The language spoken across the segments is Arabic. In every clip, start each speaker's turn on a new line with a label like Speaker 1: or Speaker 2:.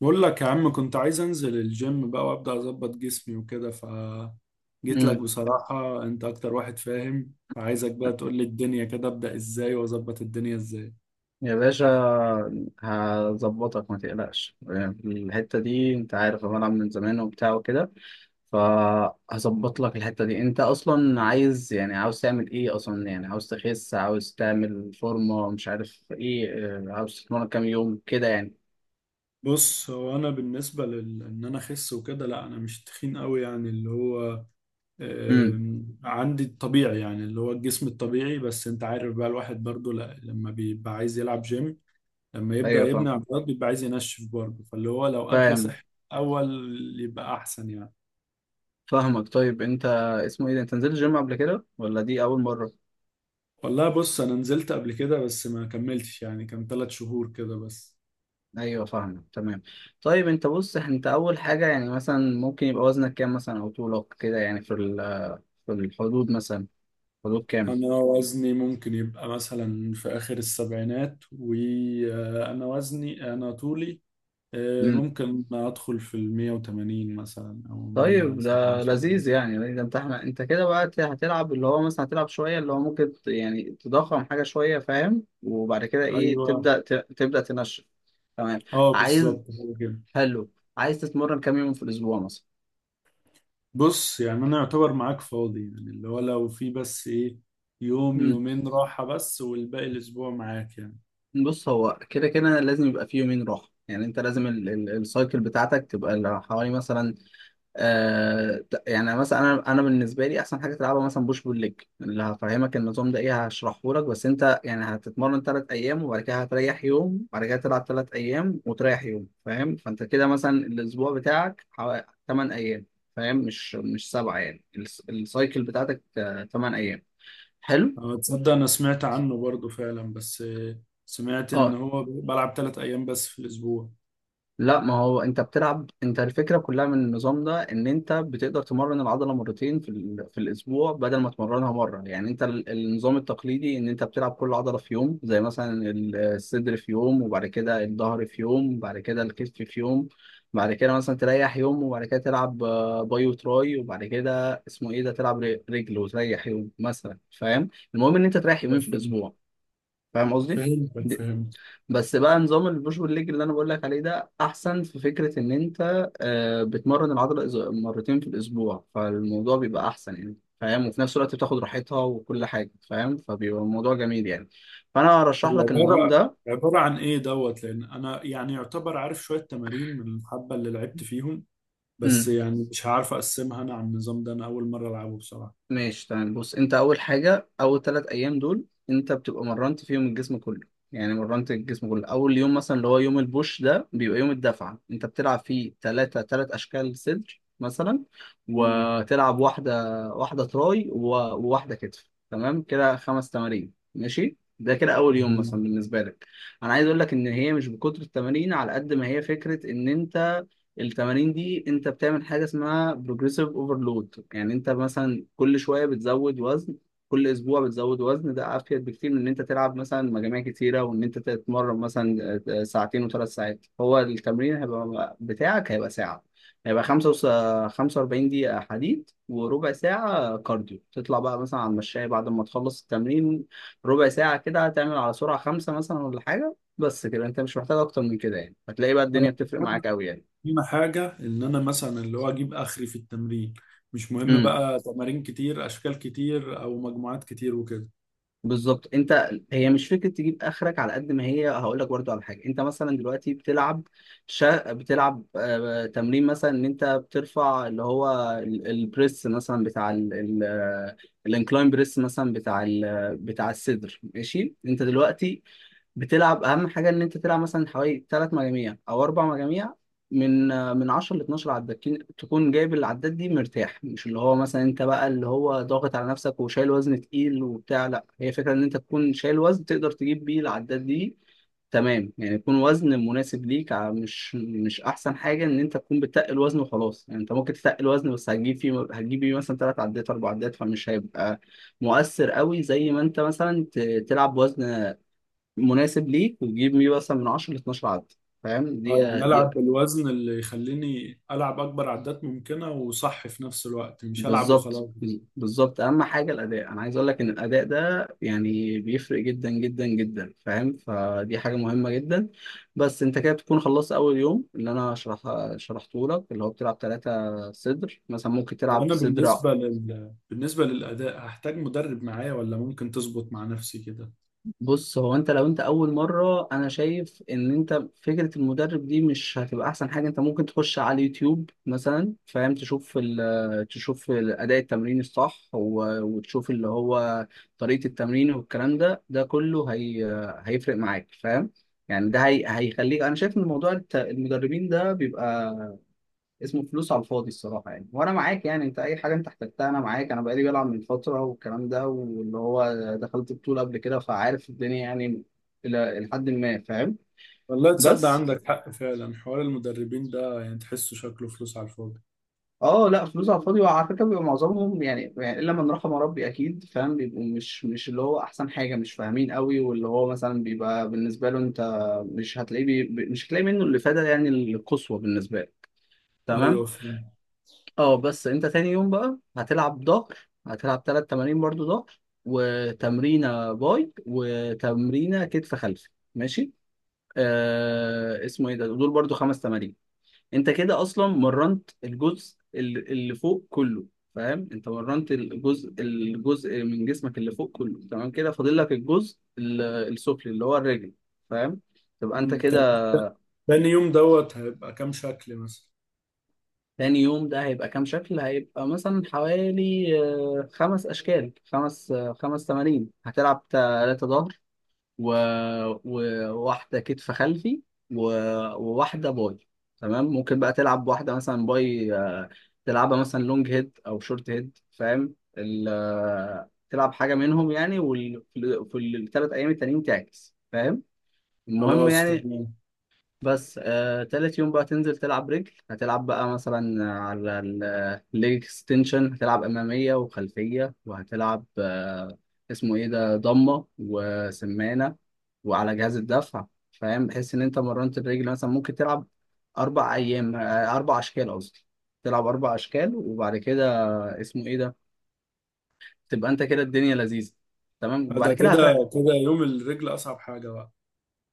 Speaker 1: بقول لك يا عم، كنت عايز انزل الجيم بقى وابدا اظبط جسمي وكده، ف جيت لك
Speaker 2: امم
Speaker 1: بصراحة. انت اكتر واحد فاهم، فعايزك بقى تقول لي الدنيا كده ابدا ازاي واظبط الدنيا ازاي.
Speaker 2: يا باشا، هظبطك ما تقلقش. الحتة دي انت عارف انا بلعب من زمان وبتاع وكده، فهظبط لك الحتة دي. انت اصلا عايز يعني عاوز تعمل ايه اصلا؟ يعني عاوز تخس، عاوز تعمل فورمة مش عارف ايه؟ اه، عاوز تتمرن كام يوم كده يعني؟
Speaker 1: بص، هو انا بالنسبة لل ان انا اخس وكده، لا انا مش تخين قوي يعني اللي هو
Speaker 2: امم.
Speaker 1: عندي الطبيعي، يعني اللي هو الجسم الطبيعي. بس انت عارف بقى الواحد برضو، لا لما بيبقى عايز يلعب جيم، لما يبدا
Speaker 2: ايوه
Speaker 1: يبني
Speaker 2: فاهم.
Speaker 1: عضلات بيبقى عايز ينشف برضه، فاللي هو لو اكل
Speaker 2: فاهم.
Speaker 1: صحي اول يبقى احسن يعني.
Speaker 2: فاهمك. طيب انت اسمه ايه ده، انت نزلت جيم قبل كده ولا دي اول مرة؟
Speaker 1: والله بص، انا نزلت قبل كده بس ما كملتش يعني، كان ثلاث شهور كده بس.
Speaker 2: ايوه فاهمك تمام. طيب انت بص، انت اول حاجه يعني مثلا ممكن يبقى وزنك كام مثلا او طولك كده يعني في الحدود مثلا، حدود كام؟
Speaker 1: انا وزني ممكن يبقى مثلا في اخر السبعينات، وانا وزني، انا طولي
Speaker 2: امم.
Speaker 1: ممكن ادخل في ال 180 مثلا او
Speaker 2: طيب ده لذيذ
Speaker 1: 177.
Speaker 2: يعني. ده انت احنا انت كده بقى هتلعب اللي هو مثلا هتلعب شويه اللي هو ممكن يعني تضخم حاجه شويه فاهم، وبعد كده ايه
Speaker 1: ايوه.
Speaker 2: تبدا تبدا تنشف. تمام.
Speaker 1: اه
Speaker 2: عايز،
Speaker 1: بالظبط، هو كده.
Speaker 2: حلو. عايز تتمرن كام يوم في الاسبوع مثلا؟
Speaker 1: بص يعني انا يعتبر معاك فاضي، يعني اللي هو لو في بس ايه، يوم
Speaker 2: امم.
Speaker 1: يومين راحة بس، والباقي الاسبوع معاك يعني.
Speaker 2: بص هو كده كده لازم يبقى فيه يومين راحه يعني، انت لازم السايكل بتاعتك تبقى حوالي مثلا آه يعني مثلا، انا بالنسبه لي احسن حاجه تلعبها مثلا بوش بول ليج. اللي هفهمك النظام ده ايه هشرحه لك، بس انت يعني هتتمرن ثلاث ايام وبعد كده هتريح يوم وبعد كده تلعب ثلاث ايام وتريح يوم فاهم. فانت كده مثلا الاسبوع بتاعك حوالي 8 ايام. فاهم مش سبعه يعني السايكل بتاعتك 8 ايام. حلو.
Speaker 1: أه، تصدق أنا سمعت عنه برضو فعلا، بس سمعت إن
Speaker 2: اه
Speaker 1: هو بلعب ثلاث أيام بس في الأسبوع.
Speaker 2: لا، ما هو انت بتلعب، انت الفكره كلها من النظام ده ان انت بتقدر تمرن العضله مرتين في الاسبوع بدل ما تمرنها مره. يعني انت النظام التقليدي ان انت بتلعب كل عضله في يوم زي مثلا الصدر في يوم وبعد كده الظهر في يوم وبعد كده الكتف في يوم. بعد كده مثلا تريح يوم وبعد كده تلعب باي وتراي وبعد كده اسمه ايه ده تلعب رجل وتريح يوم مثلا فاهم. المهم ان انت تريح يومين في
Speaker 1: فهمت-
Speaker 2: الاسبوع. فاهم قصدي؟
Speaker 1: فهمتك، فهمت.
Speaker 2: بس بقى نظام البوش بول ليج اللي انا بقول لك عليه ده احسن، في فكره ان انت بتمرن العضله مرتين في الاسبوع فالموضوع بيبقى احسن يعني فاهم، وفي نفس الوقت بتاخد راحتها وكل حاجه فاهم، فبيبقى الموضوع جميل يعني. فانا ارشح لك النظام
Speaker 1: العبارة
Speaker 2: ده.
Speaker 1: عبارة عن إيه دوت، لأن أنا يعني يعتبر عارف شوية تمارين من الحبة اللي لعبت فيهم، بس
Speaker 2: مم.
Speaker 1: يعني مش هعرف أقسمها أنا على النظام ده، أنا أول مرة ألعبه بصراحة.
Speaker 2: ماشي تمام. بص انت اول حاجه، اول ثلاث ايام دول انت بتبقى مرنت فيهم الجسم كله يعني مرنت الجسم كله. اول يوم مثلا اللي هو يوم البوش ده بيبقى يوم الدفعه، انت بتلعب فيه ثلاث اشكال صدر مثلا،
Speaker 1: مم.
Speaker 2: وتلعب واحده، واحده تراي وواحده كتف. تمام كده خمس تمارين ماشي. ده كده اول يوم مثلا بالنسبه لك. انا عايز اقول لك ان هي مش بكتر التمارين على قد ما هي فكره ان انت التمارين دي انت بتعمل حاجه اسمها بروجريسيف اوفرلود، يعني انت مثلا كل شويه بتزود وزن، كل اسبوع بتزود وزن. ده افيد بكتير من ان انت تلعب مثلا مجاميع كتيره وان انت تتمرن مثلا ساعتين وثلاث ساعات. هو التمرين هيبقى بتاعك هيبقى ساعه، هيبقى خمسة وس... 45 دقيقة حديد وربع ساعة كارديو، تطلع بقى مثلا على المشاية بعد ما تخلص التمرين ربع ساعة كده، هتعمل على سرعة خمسة مثلا ولا حاجة. بس كده انت مش محتاج اكتر من كده يعني، هتلاقي بقى
Speaker 1: أنا
Speaker 2: الدنيا بتفرق معاك قوي يعني.
Speaker 1: أهم حاجة إن أنا مثلا اللي هو أجيب آخري في التمرين، مش مهم
Speaker 2: امم.
Speaker 1: بقى تمارين كتير أشكال كتير أو مجموعات كتير وكده.
Speaker 2: بالظبط، انت هي مش فكره تجيب اخرك على قد ما هي. هقول لك برضو على حاجه، انت مثلا دلوقتي بتلعب بتلعب تمرين مثلا ان انت بترفع اللي هو البريس مثلا بتاع ال... ال... آه، الانكلاين بريس مثلا بتاع ال... آه، بتاع الصدر ماشي. انت دلوقتي بتلعب اهم حاجه ان انت تلعب مثلا حوالي ثلاث مجاميع او اربع مجاميع، من من 10 ل 12 عداد، تكون جايب العداد دي مرتاح، مش اللي هو مثلا انت بقى اللي هو ضاغط على نفسك وشايل وزن تقيل وبتاع، لا، هي فكره ان انت تكون شايل وزن تقدر تجيب بيه العداد دي. تمام يعني يكون وزن مناسب ليك، مش احسن حاجه ان انت تكون بتتقل وزن وخلاص يعني. انت ممكن تتقل وزن بس هتجيب بيه مثلا ثلاث عدات اربع عدات، فمش هيبقى مؤثر قوي زي ما انت مثلا تلعب وزن مناسب ليك وتجيب ميه مثلا من 10 ل 12 عدد فاهم.
Speaker 1: اه
Speaker 2: دي
Speaker 1: يعني
Speaker 2: دي
Speaker 1: العب بالوزن اللي يخليني العب اكبر عدات ممكنه وصح، في نفس الوقت مش العب
Speaker 2: بالظبط.
Speaker 1: وخلاص.
Speaker 2: بالظبط اهم حاجه الاداء، انا عايز اقول لك ان الاداء ده يعني بيفرق جدا جدا جدا فاهم، فدي حاجه مهمه جدا. بس انت كده بتكون خلصت اول يوم اللي انا شرحته لك، اللي هو بتلعب ثلاثه صدر مثلا، ممكن تلعب صدر.
Speaker 1: بالنسبه للاداء هحتاج مدرب معايا ولا ممكن تظبط مع نفسي كده؟
Speaker 2: بص هو انت لو انت اول مره، انا شايف ان انت فكره المدرب دي مش هتبقى احسن حاجه. انت ممكن تخش على اليوتيوب مثلا فاهم، تشوف ال تشوف اداء التمرين الصح وتشوف اللي هو طريقه التمرين والكلام ده، ده كله هي هيفرق معاك فاهم. يعني ده هي هيخليك. انا شايف ان موضوع المدربين ده بيبقى اسمه فلوس على الفاضي الصراحة يعني. وأنا معاك يعني، أنت أي حاجة أنت احتجتها أنا معاك. أنا بقالي بلعب من فترة والكلام ده، واللي هو دخلت بطولة قبل كده فعارف الدنيا يعني، إلى حد ما فاهم.
Speaker 1: والله تصدق
Speaker 2: بس
Speaker 1: عندك حق فعلا، حوار المدربين ده يعني تحسه شكله فلوس على الفاضي.
Speaker 2: أه لا، فلوس على الفاضي. وعلى فكرة بيبقى معظمهم يعني، يعني إلا من رحم ربي أكيد فاهم، بيبقوا مش اللي هو أحسن حاجة، مش فاهمين قوي، واللي هو مثلا بيبقى بالنسبة له أنت مش هتلاقي منه الإفادة يعني القصوى بالنسبة له. تمام.
Speaker 1: ايوه فاهم.
Speaker 2: اه بس انت تاني يوم بقى هتلعب ظهر، هتلعب تلات تمارين برضو ظهر وتمرينة باي وتمرينة كتف خلفي ماشي. آه اسمه ايه ده، دول برضو خمس تمارين. انت كده اصلا مرنت الجزء اللي فوق كله فاهم. انت مرنت الجزء من جسمك اللي فوق كله تمام كده، فاضل لك الجزء السفلي اللي هو الرجل فاهم. تبقى انت
Speaker 1: أمم، طب
Speaker 2: كده.
Speaker 1: تاني يوم دوت هيبقى كام شكل مثلا؟
Speaker 2: تاني يوم ده هيبقى كام شكل؟ هيبقى مثلا حوالي خمس أشكال، خمس تمارين. هتلعب تلاتة ظهر و... وواحدة كتف خلفي و... وواحدة باي. تمام. ممكن بقى تلعب واحدة مثلا باي تلعبها مثلا لونج هيد أو شورت هيد فاهم، ال... آه، تلعب حاجة منهم يعني. في الثلاث أيام التانيين تعكس فاهم. المهم
Speaker 1: خلاص
Speaker 2: يعني.
Speaker 1: تمام.
Speaker 2: بس تالت يوم بقى تنزل تلعب رجل، هتلعب بقى مثلا على الليج اكستنشن، هتلعب أمامية وخلفية، وهتلعب اسمه ايه ده ضمة وسمانة وعلى جهاز الدفع فاهم، بحيث ان انت مرنت الرجل. مثلا ممكن تلعب أربع أيام آه، أربع أشكال قصدي. تلعب أربع أشكال وبعد كده اسمه ايه ده، تبقى انت كده الدنيا لذيذة تمام. وبعد
Speaker 1: ده
Speaker 2: كده هتريح.
Speaker 1: كده كده يوم الرجل اصعب حاجه بقى.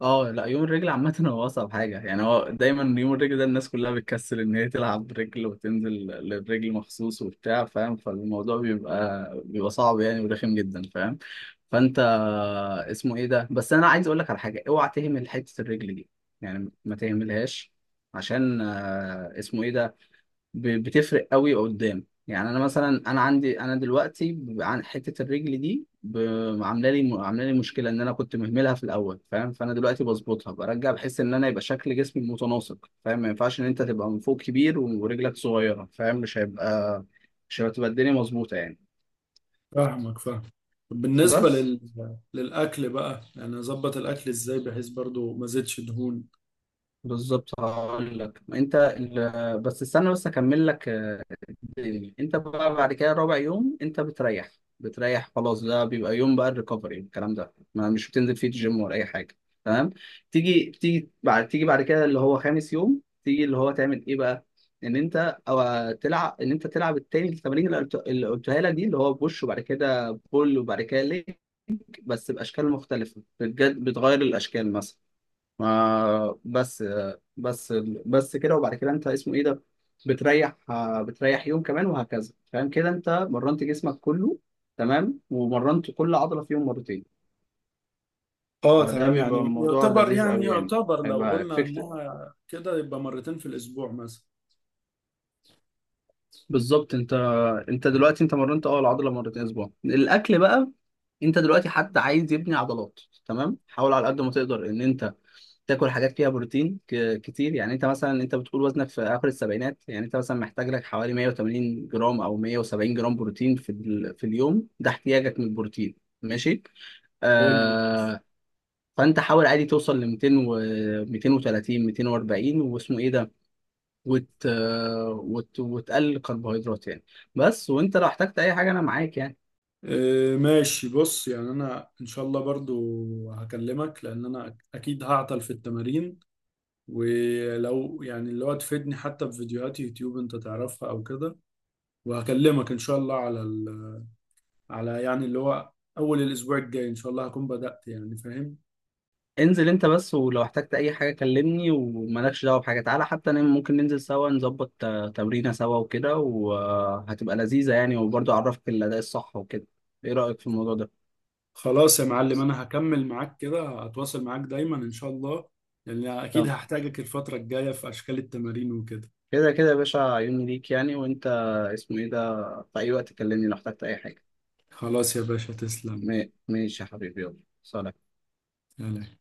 Speaker 2: اه لا، يوم الرجل عامة هو أصعب حاجة يعني. هو دايما يوم الرجل ده الناس كلها بتكسل إن هي تلعب رجل وتنزل للرجل مخصوص وبتاع فاهم، فالموضوع بيبقى صعب يعني ورخم جدا فاهم. فأنت اسمه إيه ده، بس أنا عايز أقول لك على حاجة، أوعى تهمل حتة الرجل دي يعني، ما تهملهاش، عشان اسمه إيه ده بتفرق قوي قدام يعني. انا مثلا انا عندي انا دلوقتي عن حته الرجل دي عامله لي مشكله ان انا كنت مهملها في الاول فاهم، فانا دلوقتي بظبطها برجع بحس ان انا يبقى شكل جسمي متناسق فاهم، ما ينفعش ان انت تبقى من فوق كبير ورجلك صغيره فاهم، مش هتبقى الدنيا مظبوطه يعني.
Speaker 1: فاهمك، فاهم. طب
Speaker 2: بس
Speaker 1: للأكل بقى، يعني أظبط الأكل إزاي بحيث برضو ما زدش دهون؟
Speaker 2: بالظبط هقول لك. انت بس استنى بس اكمل لك تاني. انت بقى بعد كده رابع يوم انت بتريح، بتريح خلاص. ده بيبقى يوم بقى الريكفري، الكلام ده ما مش بتنزل فيه الجيم ولا اي حاجه تمام. تيجي بعد كده اللي هو خامس يوم تيجي اللي هو تعمل ايه بقى؟ ان انت تلعب التمارين اللي قلتها لك دي، اللي هو بوش وبعد كده بول وبعد كده ليك، بس باشكال مختلفه. بتغير الاشكال مثلا. ما بس بس بس كده. وبعد كده انت اسمه ايه ده بتريح، بتريح يوم كمان وهكذا فاهم. كده انت مرنت جسمك كله تمام، ومرنت كل عضلة فيهم مرتين.
Speaker 1: اه
Speaker 2: فده
Speaker 1: تمام،
Speaker 2: بيبقى
Speaker 1: يعني
Speaker 2: الموضوع
Speaker 1: يعتبر
Speaker 2: لذيذ
Speaker 1: يعني
Speaker 2: قوي يعني،
Speaker 1: يعتبر لو
Speaker 2: هيبقى
Speaker 1: قلنا
Speaker 2: افكتيف.
Speaker 1: إنها كده يبقى مرتين في الأسبوع مثلا.
Speaker 2: بالظبط. انت دلوقتي انت مرنت اه العضلة مرتين اسبوع. الاكل بقى، انت دلوقتي حد عايز يبني عضلات تمام، حاول على قد ما تقدر ان انت تاكل حاجات فيها بروتين كتير يعني. انت مثلا انت بتقول وزنك في اخر السبعينات، يعني انت مثلا محتاج لك حوالي 180 جرام او 170 جرام بروتين في اليوم. ده احتياجك من البروتين ماشي
Speaker 1: حلو.
Speaker 2: آه. فانت حاول عادي توصل ل 200 و 230 240 واسمه ايه ده، وتقلل الكربوهيدرات يعني بس. وانت لو احتجت اي حاجه انا معاك يعني.
Speaker 1: آه ماشي، بص يعني أنا إن شاء الله برضو هكلمك، لأن أنا أكيد هعطل في التمارين، ولو يعني اللي هو تفيدني حتى بفيديوهات يوتيوب أنت تعرفها أو كده. وهكلمك إن شاء الله على يعني اللي هو اول الاسبوع الجاي ان شاء الله هكون بدأت يعني، فاهم.
Speaker 2: انزل انت بس، ولو احتجت اي حاجه كلمني ومالكش دعوه بحاجه، تعالى حتى انا ممكن ننزل سوا نظبط تمرينه سوا وكده وهتبقى لذيذه يعني، وبرضه اعرفك الاداء الصح وكده. ايه رايك في الموضوع ده؟
Speaker 1: خلاص يا معلم، انا هكمل معاك كده، هتواصل معاك دايما ان شاء الله، لان اكيد
Speaker 2: تمام.
Speaker 1: هحتاجك الفترة الجاية في اشكال التمارين وكده.
Speaker 2: كده كده يا باشا عيوني ليك يعني. وانت اسمه ايه ده في اي وقت كلمني لو احتجت اي حاجه.
Speaker 1: خلاص يا باشا، تسلم.
Speaker 2: ماشي يا حبيبي، يلا سلام.
Speaker 1: يلا.